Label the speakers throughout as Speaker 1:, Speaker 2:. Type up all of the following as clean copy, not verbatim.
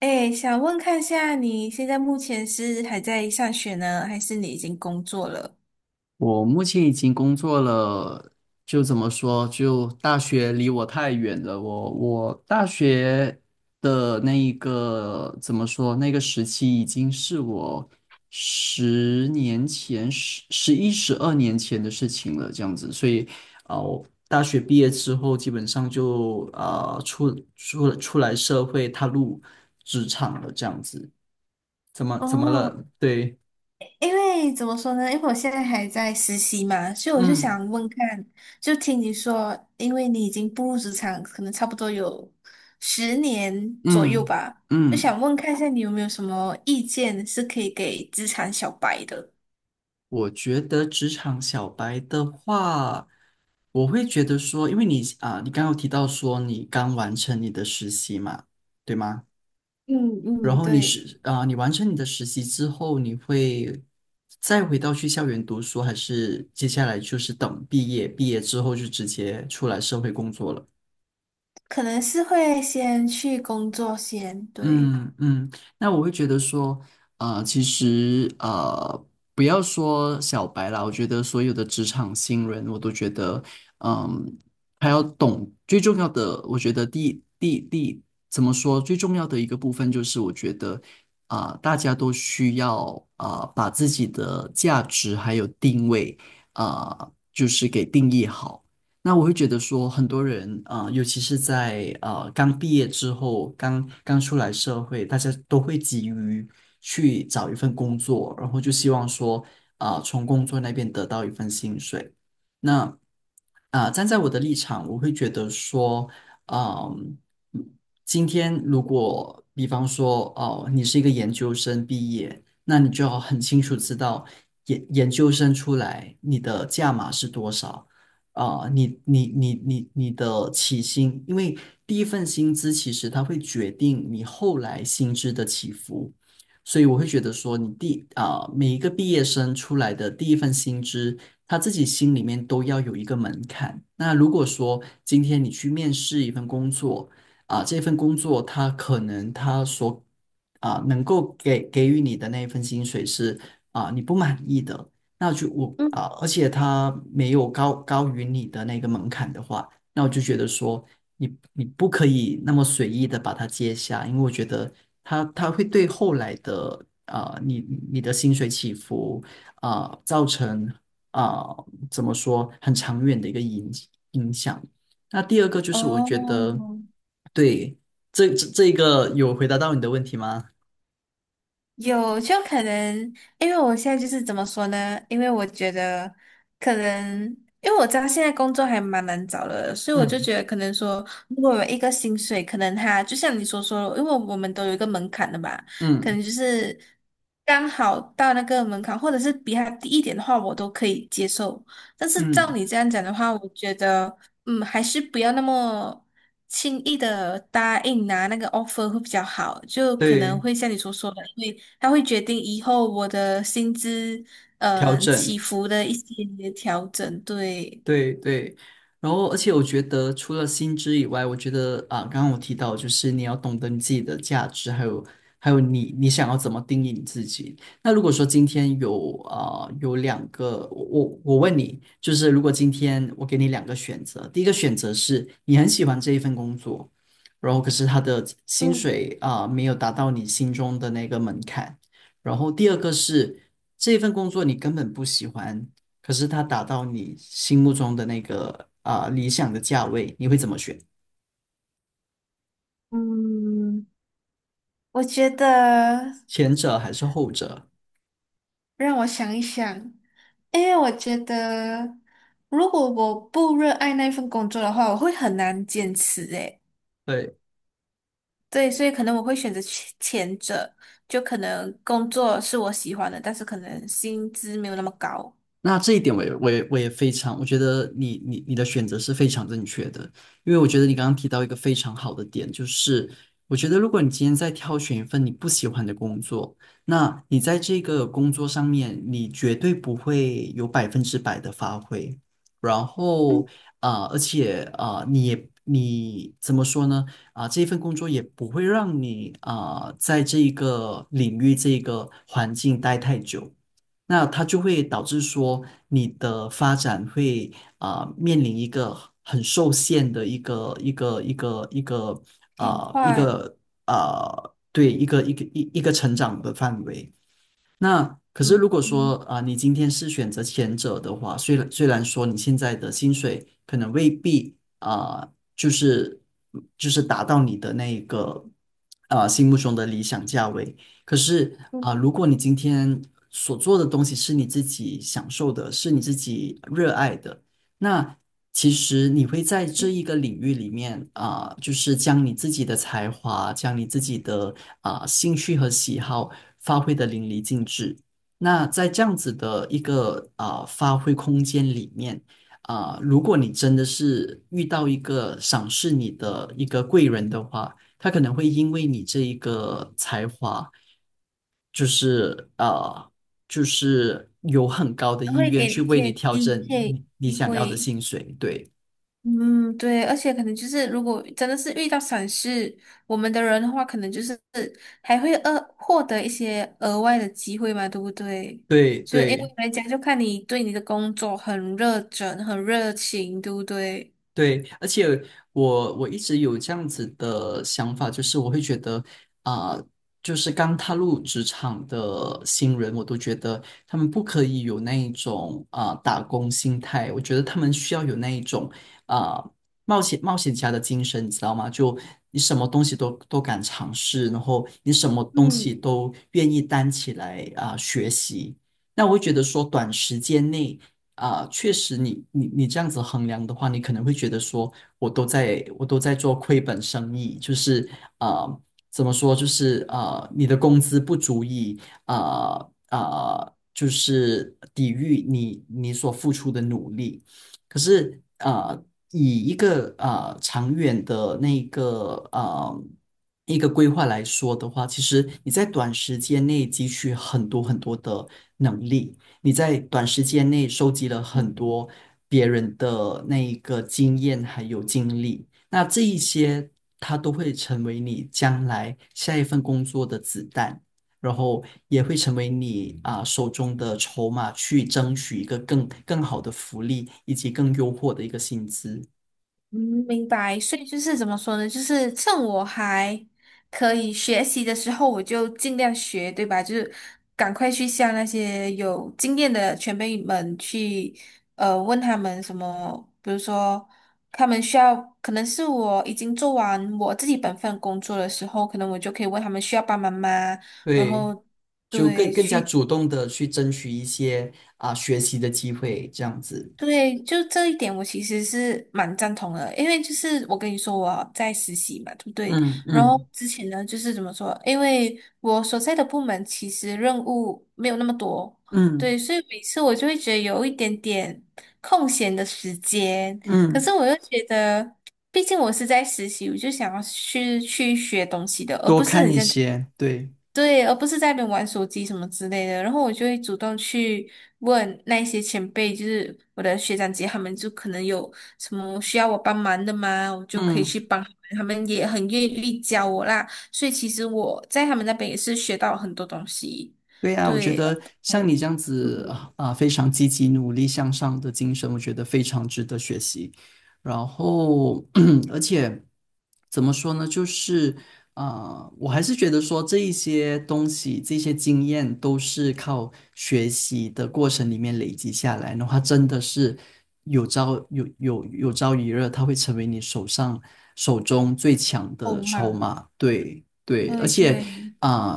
Speaker 1: 哎，想问看下，你现在目前是还在上学呢，还是你已经工作了？
Speaker 2: 我目前已经工作了，就怎么说，就大学离我太远了。我大学的那一个怎么说，那个时期已经是我10年前、十一、12年前的事情了，这样子。所以，我大学毕业之后，基本上就出来社会，踏入职场了，这样子。怎么怎么
Speaker 1: 哦，
Speaker 2: 了？对，
Speaker 1: 因为怎么说呢？因为我现在还在实习嘛，所以我就
Speaker 2: 嗯
Speaker 1: 想问看，就听你说，因为你已经步入职场，可能差不多有10年左右
Speaker 2: 嗯。
Speaker 1: 吧，就
Speaker 2: 嗯
Speaker 1: 想问看一下你有没有什么意见是可以给职场小白的？
Speaker 2: 我觉得职场小白的话，我会觉得说，因为你你刚刚有提到说你刚完成你的实习嘛，对吗？
Speaker 1: 嗯
Speaker 2: 然
Speaker 1: 嗯，
Speaker 2: 后你
Speaker 1: 对，
Speaker 2: 是啊、你完成你的实习之后，你会再回到去校园读书，还是接下来就是等毕业，毕业之后就直接出来社会工作了？
Speaker 1: 可能是会先去工作先，对。
Speaker 2: 嗯嗯，那我会觉得说，其实不要说小白啦，我觉得所有的职场新人，我都觉得，嗯，还要懂最重要的，我觉得第第第怎么说，最重要的一个部分就是，我觉得大家都需要把自己的价值还有定位就是给定义好。那我会觉得说，很多人尤其是在刚毕业之后，刚刚出来社会，大家都会急于去找一份工作，然后就希望说，从工作那边得到一份薪水。那站在我的立场，我会觉得说，嗯、今天如果比方说，哦、你是一个研究生毕业，那你就要很清楚知道研究生出来你的价码是多少。你的起薪，因为第一份薪资其实它会决定你后来薪资的起伏，所以我会觉得说你第啊、每一个毕业生出来的第一份薪资，他自己心里面都要有一个门槛。那如果说今天你去面试一份工作，这份工作它可能它所能够给予你的那一份薪水是你不满意的。那就我
Speaker 1: 嗯，
Speaker 2: 啊，而且他没有高于你的那个门槛的话，那我就觉得说你不可以那么随意的把它接下，因为我觉得他会对后来的你的薪水起伏造成怎么说很长远的一个影响。那第二个就是我觉得。
Speaker 1: 哦，
Speaker 2: 对，这个有回答到你的问题吗？
Speaker 1: 有，就可能，因为我现在就是怎么说呢？因为我觉得可能，因为我知道现在工作还蛮难找的，所以我就
Speaker 2: 嗯
Speaker 1: 觉得可能说，如果有一个薪水，可能他就像你所说的因为我们都有一个门槛的嘛，可
Speaker 2: 嗯
Speaker 1: 能就是刚好到那个门槛，或者是比它低一点的话，我都可以接受。但是照
Speaker 2: 嗯，
Speaker 1: 你这样讲的话，我觉得，嗯，还是不要那么，轻易的答应拿那个 offer 会比较好，就可能
Speaker 2: 对，
Speaker 1: 会像你所说的，它会决定以后我的薪资
Speaker 2: 调整。
Speaker 1: 起伏的一些调整。对，
Speaker 2: 对对，然后而且我觉得除了薪资以外，我觉得刚刚我提到就是你要懂得你自己的价值，还有你想要怎么定义你自己。那如果说今天有两个，我问你，就是如果今天我给你两个选择，第一个选择是你很喜欢这一份工作，然后可是他的薪
Speaker 1: 嗯
Speaker 2: 水没有达到你心中的那个门槛，然后第二个是这份工作你根本不喜欢。可是它达到你心目中的那个理想的价位，你会怎么选？
Speaker 1: 嗯，我觉得
Speaker 2: 前者还是后者？
Speaker 1: 让我想一想，因为我觉得如果我不热爱那份工作的话，我会很难坚持诶。
Speaker 2: 对。
Speaker 1: 对，所以可能我会选择前者，就可能工作是我喜欢的，但是可能薪资没有那么高。
Speaker 2: 那这一点我也非常，我觉得你的选择是非常正确的，因为我觉得你刚刚提到一个非常好的点，就是我觉得如果你今天在挑选一份你不喜欢的工作，那你在这个工作上面，你绝对不会有100%的发挥，然后
Speaker 1: 嗯，
Speaker 2: 而且你怎么说呢？这份工作也不会让你在这一个领域这一个环境待太久。那它就会导致说你的发展会面临一个很受限的一个
Speaker 1: 挺
Speaker 2: 啊一
Speaker 1: 快，
Speaker 2: 个啊成长的范围。那可是
Speaker 1: 嗯
Speaker 2: 如果
Speaker 1: 嗯。
Speaker 2: 说你今天是选择前者的话，虽然说你现在的薪水可能未必就是就是达到你的那一个心目中的理想价位，可是如果你今天所做的东西是你自己享受的，是你自己热爱的。那其实你会在这一个领域里面就是将你自己的才华，将你自己的兴趣和喜好发挥得淋漓尽致。那在这样子的一个发挥空间里面如果你真的是遇到一个赏识你的一个贵人的话，他可能会因为你这一个才华。就是就是有很高的
Speaker 1: 还
Speaker 2: 意
Speaker 1: 会
Speaker 2: 愿
Speaker 1: 给你
Speaker 2: 去
Speaker 1: 一
Speaker 2: 为
Speaker 1: 些
Speaker 2: 你调
Speaker 1: 低
Speaker 2: 整
Speaker 1: 配
Speaker 2: 你
Speaker 1: 机
Speaker 2: 想要的
Speaker 1: 会。
Speaker 2: 薪水。对，
Speaker 1: 嗯，对，而且可能就是如果真的是遇到闪失我们的人的话，可能就是还会额获得一些额外的机会嘛，对不对？
Speaker 2: 对，
Speaker 1: 就因
Speaker 2: 对。
Speaker 1: 为人家就看你对你的工作很热忱、很热情，对不对？
Speaker 2: 对，而且我一直有这样子的想法，就是我会觉得啊、就是刚踏入职场的新人，我都觉得他们不可以有那一种打工心态，我觉得他们需要有那一种啊、冒险家的精神，你知道吗？就你什么东西都敢尝试，然后你什么东
Speaker 1: 嗯，
Speaker 2: 西都愿意担起来学习。那我会觉得说，短时间内。确实你这样子衡量的话，你可能会觉得说，我都在做亏本生意，就是啊、呃怎么说，就是你的工资不足以啊啊、呃就是抵御你所付出的努力。可是以一个长远的那个一个规划来说的话，其实你在短时间内汲取很多很多的能力。你在短时间内收集了很多别人的那一个经验还有经历，那这一些它都会成为你将来下一份工作的子弹，然后也会成为你手中的筹码，去争取一个更好的福利以及更优渥的一个薪资。
Speaker 1: 嗯，明白。所以就是怎么说呢？就是趁我还可以学习的时候，我就尽量学，对吧？就是赶快去向那些有经验的前辈们去，问他们什么，比如说他们需要，可能是我已经做完我自己本份工作的时候，可能我就可以问他们需要帮忙吗？然
Speaker 2: 对，
Speaker 1: 后
Speaker 2: 就更
Speaker 1: 对，
Speaker 2: 更加
Speaker 1: 去。
Speaker 2: 主动的去争取一些学习的机会，这样子。
Speaker 1: 对，就这一点，我其实是蛮赞同的，因为就是我跟你说我在实习嘛，对不对？
Speaker 2: 嗯
Speaker 1: 然后
Speaker 2: 嗯
Speaker 1: 之前呢，就是怎么说？因为我所在的部门其实任务没有那么多，
Speaker 2: 嗯
Speaker 1: 对，所以每次我就会觉得有一点点空闲的时间，可
Speaker 2: 嗯。
Speaker 1: 是我又觉得，毕竟我是在实习，我就想要去学东西的，而
Speaker 2: 多
Speaker 1: 不是
Speaker 2: 看
Speaker 1: 你
Speaker 2: 一
Speaker 1: 像
Speaker 2: 些，对，
Speaker 1: 对，而不是在那边玩手机什么之类的。然后我就会主动去问那一些前辈，就是我的学长姐，他们就可能有什么需要我帮忙的吗？我就可以
Speaker 2: 嗯。
Speaker 1: 去帮他们，他们也很愿意教我啦。所以其实我在他们那边也是学到很多东西。
Speaker 2: 对啊，我觉
Speaker 1: 对，
Speaker 2: 得像
Speaker 1: 对，
Speaker 2: 你这样子
Speaker 1: 嗯，
Speaker 2: 非常积极、努力向上的精神，我觉得非常值得学习。然后，而且怎么说呢，就是我还是觉得说这一些东西、这些经验都是靠学习的过程里面累积下来的话，真的是有朝一日，它会成为你手中最强
Speaker 1: 欧
Speaker 2: 的筹
Speaker 1: 嘛，
Speaker 2: 码。对对，而
Speaker 1: 对
Speaker 2: 且。
Speaker 1: 对。
Speaker 2: 啊、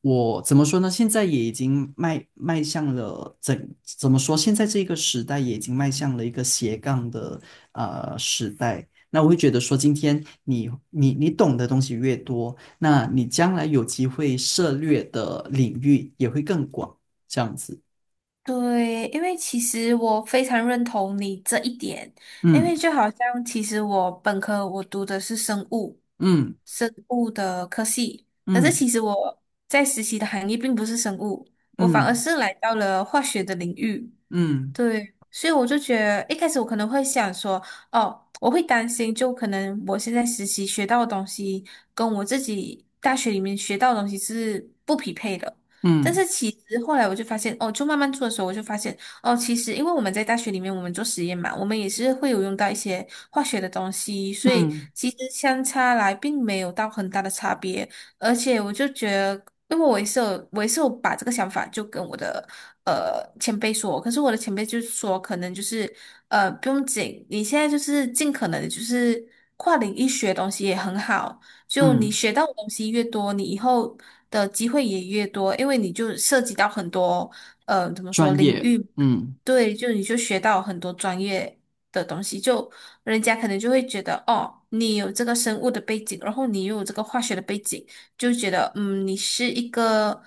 Speaker 2: 我怎么说呢？现在也已经迈向了怎么说？现在这个时代也已经迈向了一个斜杠的时代。那我会觉得说，今天你懂的东西越多，那你将来有机会涉猎的领域也会更广，这样子。
Speaker 1: 对，因为其实我非常认同你这一点，因
Speaker 2: 嗯
Speaker 1: 为就好像其实我本科我读的是生物，
Speaker 2: 嗯
Speaker 1: 生物的科系，可是
Speaker 2: 嗯
Speaker 1: 其实我在实习的行业并不是生物，我反而
Speaker 2: 嗯
Speaker 1: 是来到了化学的领域。
Speaker 2: 嗯
Speaker 1: 对，所以我就觉得一开始我可能会想说，哦，我会担心，就可能我现在实习学到的东西跟我自己大学里面学到的东西是不匹配的。但是
Speaker 2: 嗯
Speaker 1: 其实后来我就发现，哦，就慢慢做的时候，我就发现，哦，其实因为我们在大学里面我们做实验嘛，我们也是会有用到一些化学的东西，
Speaker 2: 嗯
Speaker 1: 所以
Speaker 2: 嗯
Speaker 1: 其实相差来并没有到很大的差别。而且我就觉得，因为我也是有把这个想法就跟我的前辈说，可是我的前辈就说，可能就是不用紧，你现在就是尽可能就是跨领域学东西也很好，就你
Speaker 2: 嗯，
Speaker 1: 学到的东西越多，你以后的机会也越多，因为你就涉及到很多怎么说
Speaker 2: 专
Speaker 1: 领
Speaker 2: 业。
Speaker 1: 域，
Speaker 2: 嗯。
Speaker 1: 对，就你就学到很多专业的东西，就人家可能就会觉得哦，你有这个生物的背景，然后你又有这个化学的背景。就觉得，嗯，你是一个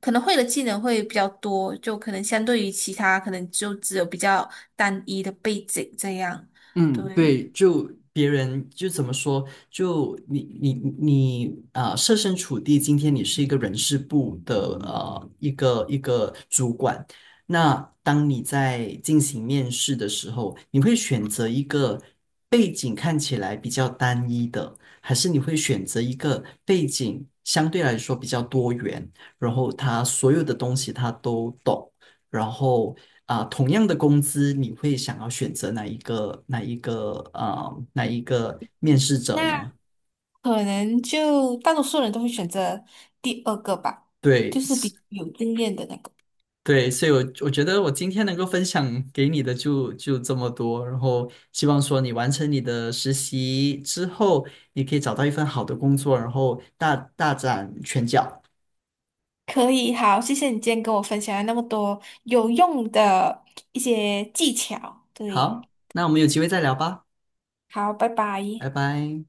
Speaker 1: 可能会的技能会比较多，就可能相对于其他，可能就只有比较单一的背景这样。
Speaker 2: 嗯，对，
Speaker 1: 对，
Speaker 2: 就别人就怎么说，就你设身处地，今天你是一个人事部的一个主管，那当你在进行面试的时候，你会选择一个背景看起来比较单一的，还是你会选择一个背景相对来说比较多元，然后他所有的东西他都懂？然后同样的工资，你会想要选择哪一个面试者呢？
Speaker 1: 那可能就大多数人都会选择第二个吧，
Speaker 2: 对
Speaker 1: 就是比
Speaker 2: 是
Speaker 1: 较有经验的那个。
Speaker 2: 对，所以我觉得我今天能够分享给你的就这么多，然后希望说你完成你的实习之后，你可以找到一份好的工作，然后大展拳脚。
Speaker 1: 可以，好，谢谢你今天跟我分享了那么多有用的一些技巧。对，
Speaker 2: 好，那我们有机会再聊吧，
Speaker 1: 好，拜
Speaker 2: 拜
Speaker 1: 拜。
Speaker 2: 拜。